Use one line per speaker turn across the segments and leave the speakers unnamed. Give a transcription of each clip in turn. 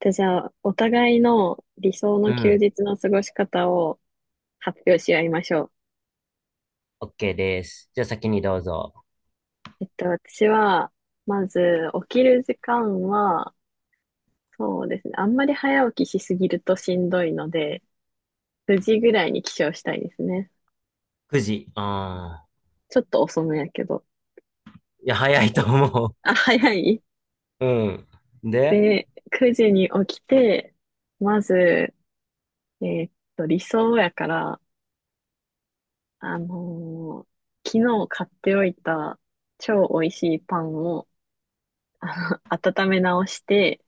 で、じゃあ、お互いの理想
う
の休
ん。
日の過ごし方を発表し合いましょ
OK です。じゃあ先にどうぞ。
う。私は、まず、起きる時間は、そうですね。あんまり早起きしすぎるとしんどいので、9時ぐらいに起床したいですね。
9時。ああ。
ちょっと遅めやけど。
いや、早いと思
あ、早い
う。うん。で、
で、9時に起きて、まず、理想やから、あのー昨日買っておいた超美味しいパンを温め直して、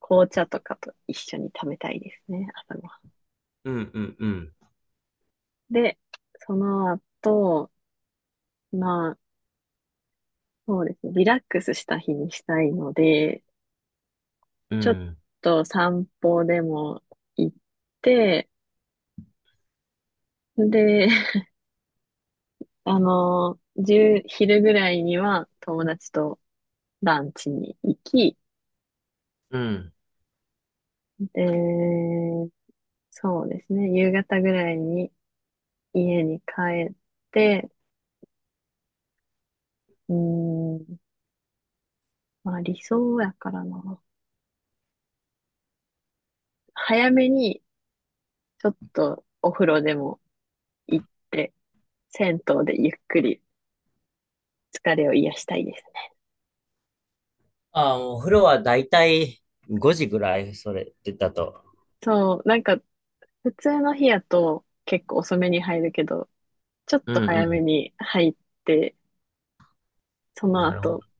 紅茶とかと一緒に食べたいですね、朝ごは
うんうんうん。
ん。で、その後、まあ、そうですね、リラックスした日にしたいので、
う
ちょっ
ん。
と散歩でも行って、で、1昼ぐらいには友達とランチに行き、
うん。
で、そうですね、夕方ぐらいに家に帰って、うーん、まあ理想やからな。早めにちょっとお風呂でも行って、銭湯でゆっくり疲れを癒したいですね。
ああ、もうお風呂はだいたい5時ぐらい、それってだと。
そう、なんか普通の日やと結構遅めに入るけど、ちょっ
う
と早め
ん
に入って、そ
うん。
の
なるほ
後、
ど。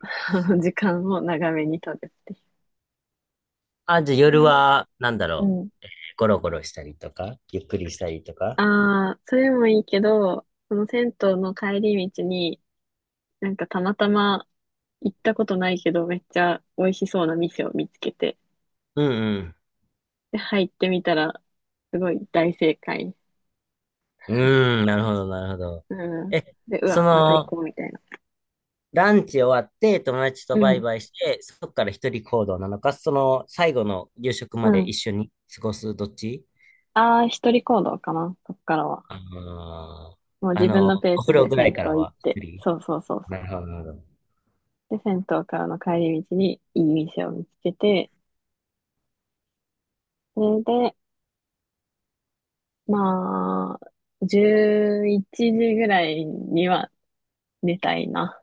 時間を長めに取るってい
あ、じゃあ
う
夜
ね。
は、なんだ
う
ろう。
ん。
ゴロゴロしたりとか、ゆっくりしたりとか。
ああ、それもいいけど、その銭湯の帰り道に、なんかたまたま行ったことないけど、めっちゃ美味しそうな店を見つけて、
うん
で、入ってみたら、すごい大正解。
うん。うーん、なるほど、なるほど。
うん。
え、
で、う
そ
わ、また行
の、
こうみたいな。
ランチ終わって、友達
う
とバイ
ん。
バイして、そこから一人行動なのか、その最後の夕食
う
まで
ん。
一緒に過ごすどっち。
ああ、一人行動かな、そっからは。
あのー
もう
あ
自分
の、
のペー
お
ス
風呂
で
ぐら
銭
いから
湯行っ
は
て、
一人。
そうそうそうそ
なるほど、なるほど。
う。で、銭湯からの帰り道にいい店を見つけて、それで、まあ、11時ぐらいには寝たいな。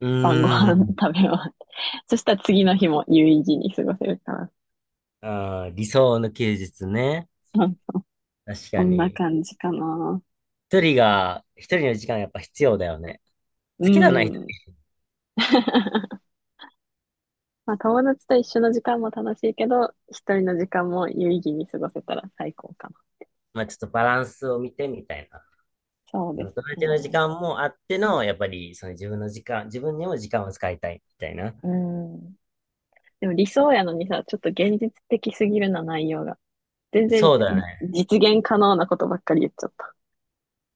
う
晩ご
ー
飯
ん。
食べ終わって。そしたら次の日も有意義に過ごせるから。
あー、理想の休日ね。
うん。
確
そ
か
んな
に。
感じかな。
一人が、一人の時間やっぱ必要だよね。
う
好きだない人。
ん。まあ、友達と一緒の時間も楽しいけど、一人の時間も有意義に過ごせたら最高かな。
まあちょっとバランスを見てみたいな。
そう
そ
で
の
す
友達の時
ね。
間もあっての、やっぱりその自分の時間、自分にも時間を使いたいみたいな。
うん。でも理想やのにさ、ちょっと現実的すぎるな、内容が。全然
そうだね。
実現可能なことばっかり言っちゃった。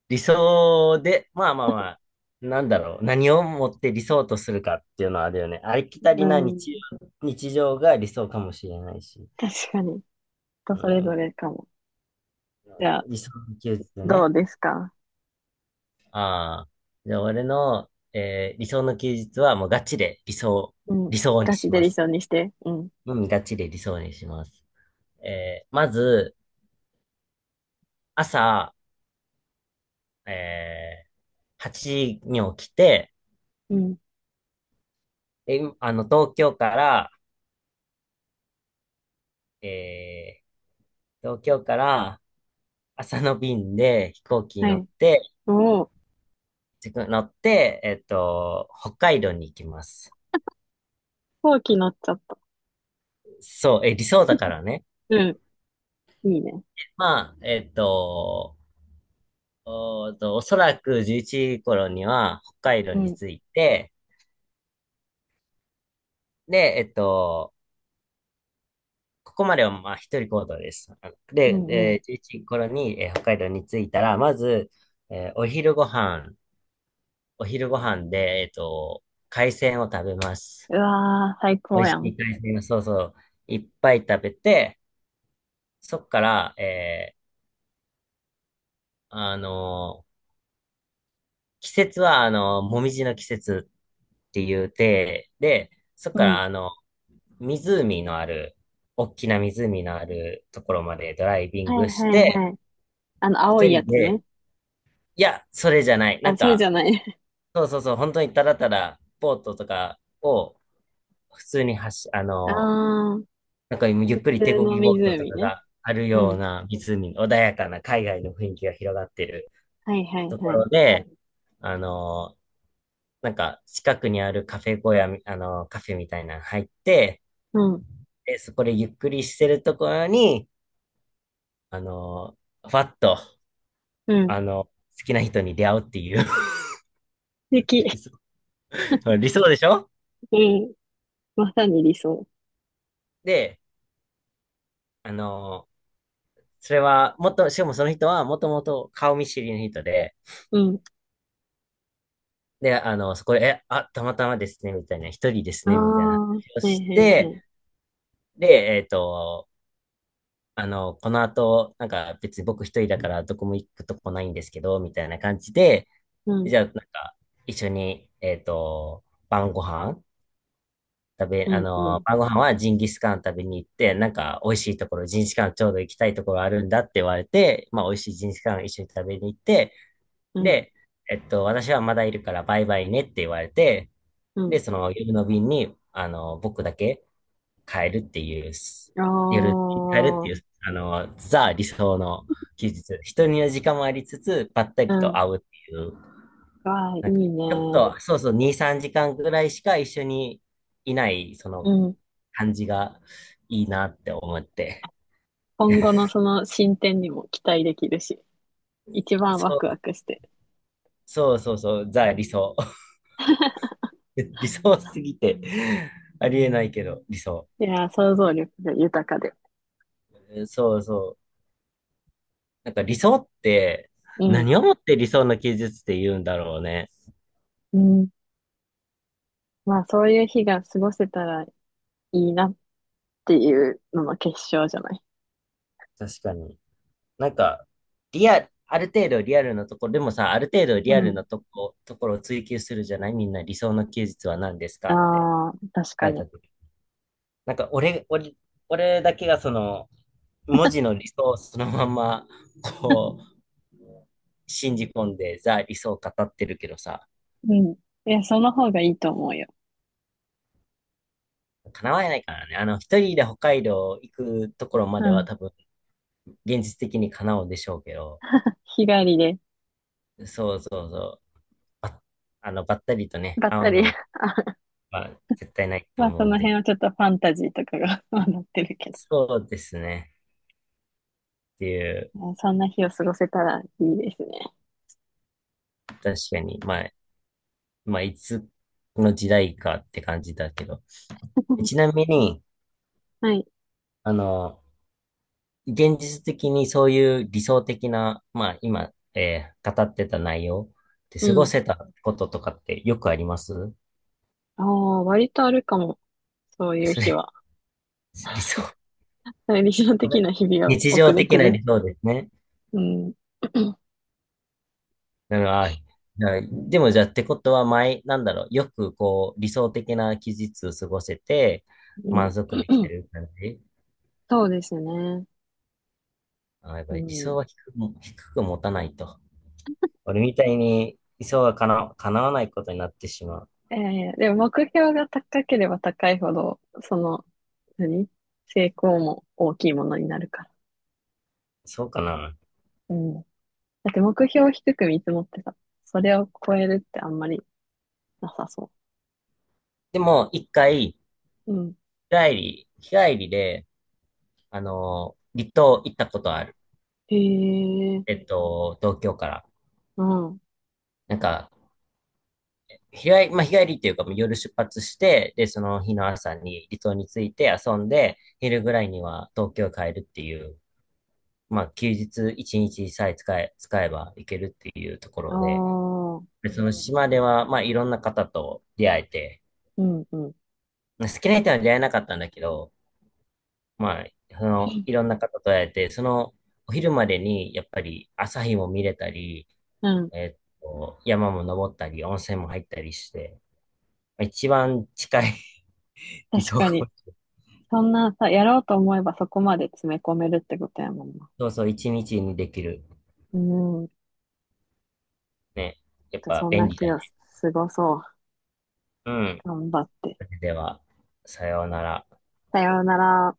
理想で、まあまあまあ、なんだろう。何をもって理想とするかっていうのはあれよね。ありきた
う
りな
ん。
日常が理想かもしれないし。
確かに。人
う
それぞ
ん、
れかも。じゃあ、
理想の休日
ど
ね。
うですか？
ああ。じゃあ俺の、理想の休日はもうガチで
うん。
理想に
ガチ
し
で
ま
理
す。
想にして。うん。
うん、ガチで理想にします。まず、朝、え8時に起きて、
うん。
え、あの、東京から、えー東京から、朝の便で飛行機に
は
乗っ
い。
て、
もう、
自分乗って、北海道に行きます。
後期乗っちゃった。
そう、え、理想だからね。
うん。いいね。
まあ、えっと、おーと、おそらく11時頃には北海道
う
に
ん。
着いて、で、ここまではまあ一人行動です。あの
う
で、
んうん。
えー11時頃に、北海道に着いたら、まず、えーお昼ご飯、お昼ご飯で、海鮮を食べます。
うわー、最
美
高
味し
やん。
い海鮮を、そうそう、いっぱい食べて、そっから、あの季節は、あのもみじの季節っていうて、で、そっ
う
から、
ん。
あの、湖のある、大きな湖のあるところまでドライビ
は
ン
い
グし
はい
て、
はい。あの、青
一
いや
人
つ
で、
ね。
いや、それじゃない。な
あ、
ん
それじ
か、
ゃない。
そうそうそう、本当にただただ、ボートとかを、普通に走、あ
あ
の
あ、
なんか今ゆっ
普
くり手
通
漕
の
ぎボートと
湖
か
ね。
がある
う
よう
ん。
な湖、穏やかな海外の雰囲気が広がってる
はいはい
と
は
こ
い。
ろで、あの、なんか近くにあるカフェみたいなの入って、
うん。
で、そこでゆっくりしてるところに、あの、ふわっと、
うん。素
あの、好きな人に出会うっていう
敵。
理想理想でしょ。
うん。まさに理想。
で、あの、それは、もっと、しかもその人はもともと顔見知りの人で、
うん。
で、あの、そこで、たまたまですね、みたいな、一人です
あ
ね、みたいな話
あ、は
を
いは
し
いはい。
て、で、あの、この後、なんか別に僕一人だからどこも行くとこないんですけど、みたいな感じで、
うん。
じゃあなんか一緒に、晩ご飯食べ、
う
あ
ん。う
の、
ん。
晩ご飯はジンギスカン食べに行って、なんか美味しいところ、ジンギスカンちょうど行きたいところあるんだって言われて、まあ美味しいジンギスカン一緒に食べに行って、
うん。
で、私はまだいるからバイバイねって言われて、
う
で、
ん。
その夜の便に、あの、僕だけ、変えるっていう、
あ
夜やる、変えるっていう、
あ、
あの、ザ理想の休日。人には時間もありつつ、ばった
う
りと
ん。
会うっていう、
わあ、い
な
い
んか、ちょっ
ね。
と、そうそう、2、3時間ぐらいしか一緒にいない、そ
う
の
ん。
感じがいいなって思って。
今後のその進展にも期待できるし、一番ワ
そ
クワ
う、
クして。
そうそうそう、ザ理想。理想すぎてありえないけど、理想。
いやー、想像力が豊かで。
そうそう。なんか理想って、
うん。
何をもって理想の休日って言うんだろうね。
うん。まあそういう日が過ごせたらいいなっていうのの結晶じゃない。
確かに。なんか、ある程度リアルなところ、でもさ、ある程度
う
リアル
ん。
なところを追求するじゃないみんな理想の休日は何ですかって
ああ、確
聞
か
れた
に。
時。なんか俺だけがその、文字の理想をそのまま、こう、信じ込んでザ理想を語ってるけどさ、
うん。いや、その方がいいと思うよ。
叶わないからね。あの、一人で北海道行くところまで
う
は
ん。
多分、現実的に叶うんでしょうけど、
日帰りで、
そうそうそう、ばあの、ばったりとね、
ばっ
会
た
う
り。
のは
あ
まあ、絶対ないと
まあ、そ
思うん
の
で。
辺はちょっとファンタジーとかが 混ってるけど。
そうですね。っていう、
まあそんな日を過ごせたらいいですね。
確かに、まあ、まあ、いつの時代かって感じだけど。ちなみに、
はい。
あの、現実的にそういう理想的な、まあ、今、語ってた内容で
う
過ご
ん。
せたこととかってよくあります
ああ、割とあるかも。そういう
そ
日
れ、
は。
理想。
理想
こ
的
れ
な日々を
日
送
常
れて
的な
る。
理想ですね。
うん。
なるほど。でもじゃあってことは前、なんだろう、よくこう理想的な期日を過ごせて
う
満
ん。
足できて る感じ。
そうですね。
あ、やっぱ
う
り理想
ん。
は低くも、低く持たないと。俺みたいに理想はかな、叶わないことになってしまう。
ええでも目標が高ければ高いほど、その、何成功も大きいものになるから。
そうかな。
うん。だって目標を低く見積もってさ、それを超えるってあんまりなさそ
でも一回、
う。うん。
日帰りで、あの、離島行ったことある。
へえ、
えっと、東京から。
うん。
なんか日帰り、まあ、日帰りっていうか、夜出発して、で、その日の朝に離島に着いて遊んで、昼ぐらいには東京帰るっていう、まあ、休日一日さえ使えば行けるっていうとこ
あ
ろで、
あ、
でその島では、まあ、いろんな方と出会えて、
うん、うん。
まあ好きな人は出会えなかったんだけど、まあ、その、いろんな方と会えて、その、お昼までに、やっぱり朝日も見れたり、
うん。
えっと、山も登ったり、温泉も入ったりして、まあ一番近い 理
確
想
か
か。
に。そんなさ、やろうと思えばそこまで詰め込めるってことやもんな。
そうそう、一日にできる。
うん。
ね。やっぱ
そんな
便利だ
日
ね。
を過ごそう。
うん。
頑張って。
それでは、さようなら。
さようなら。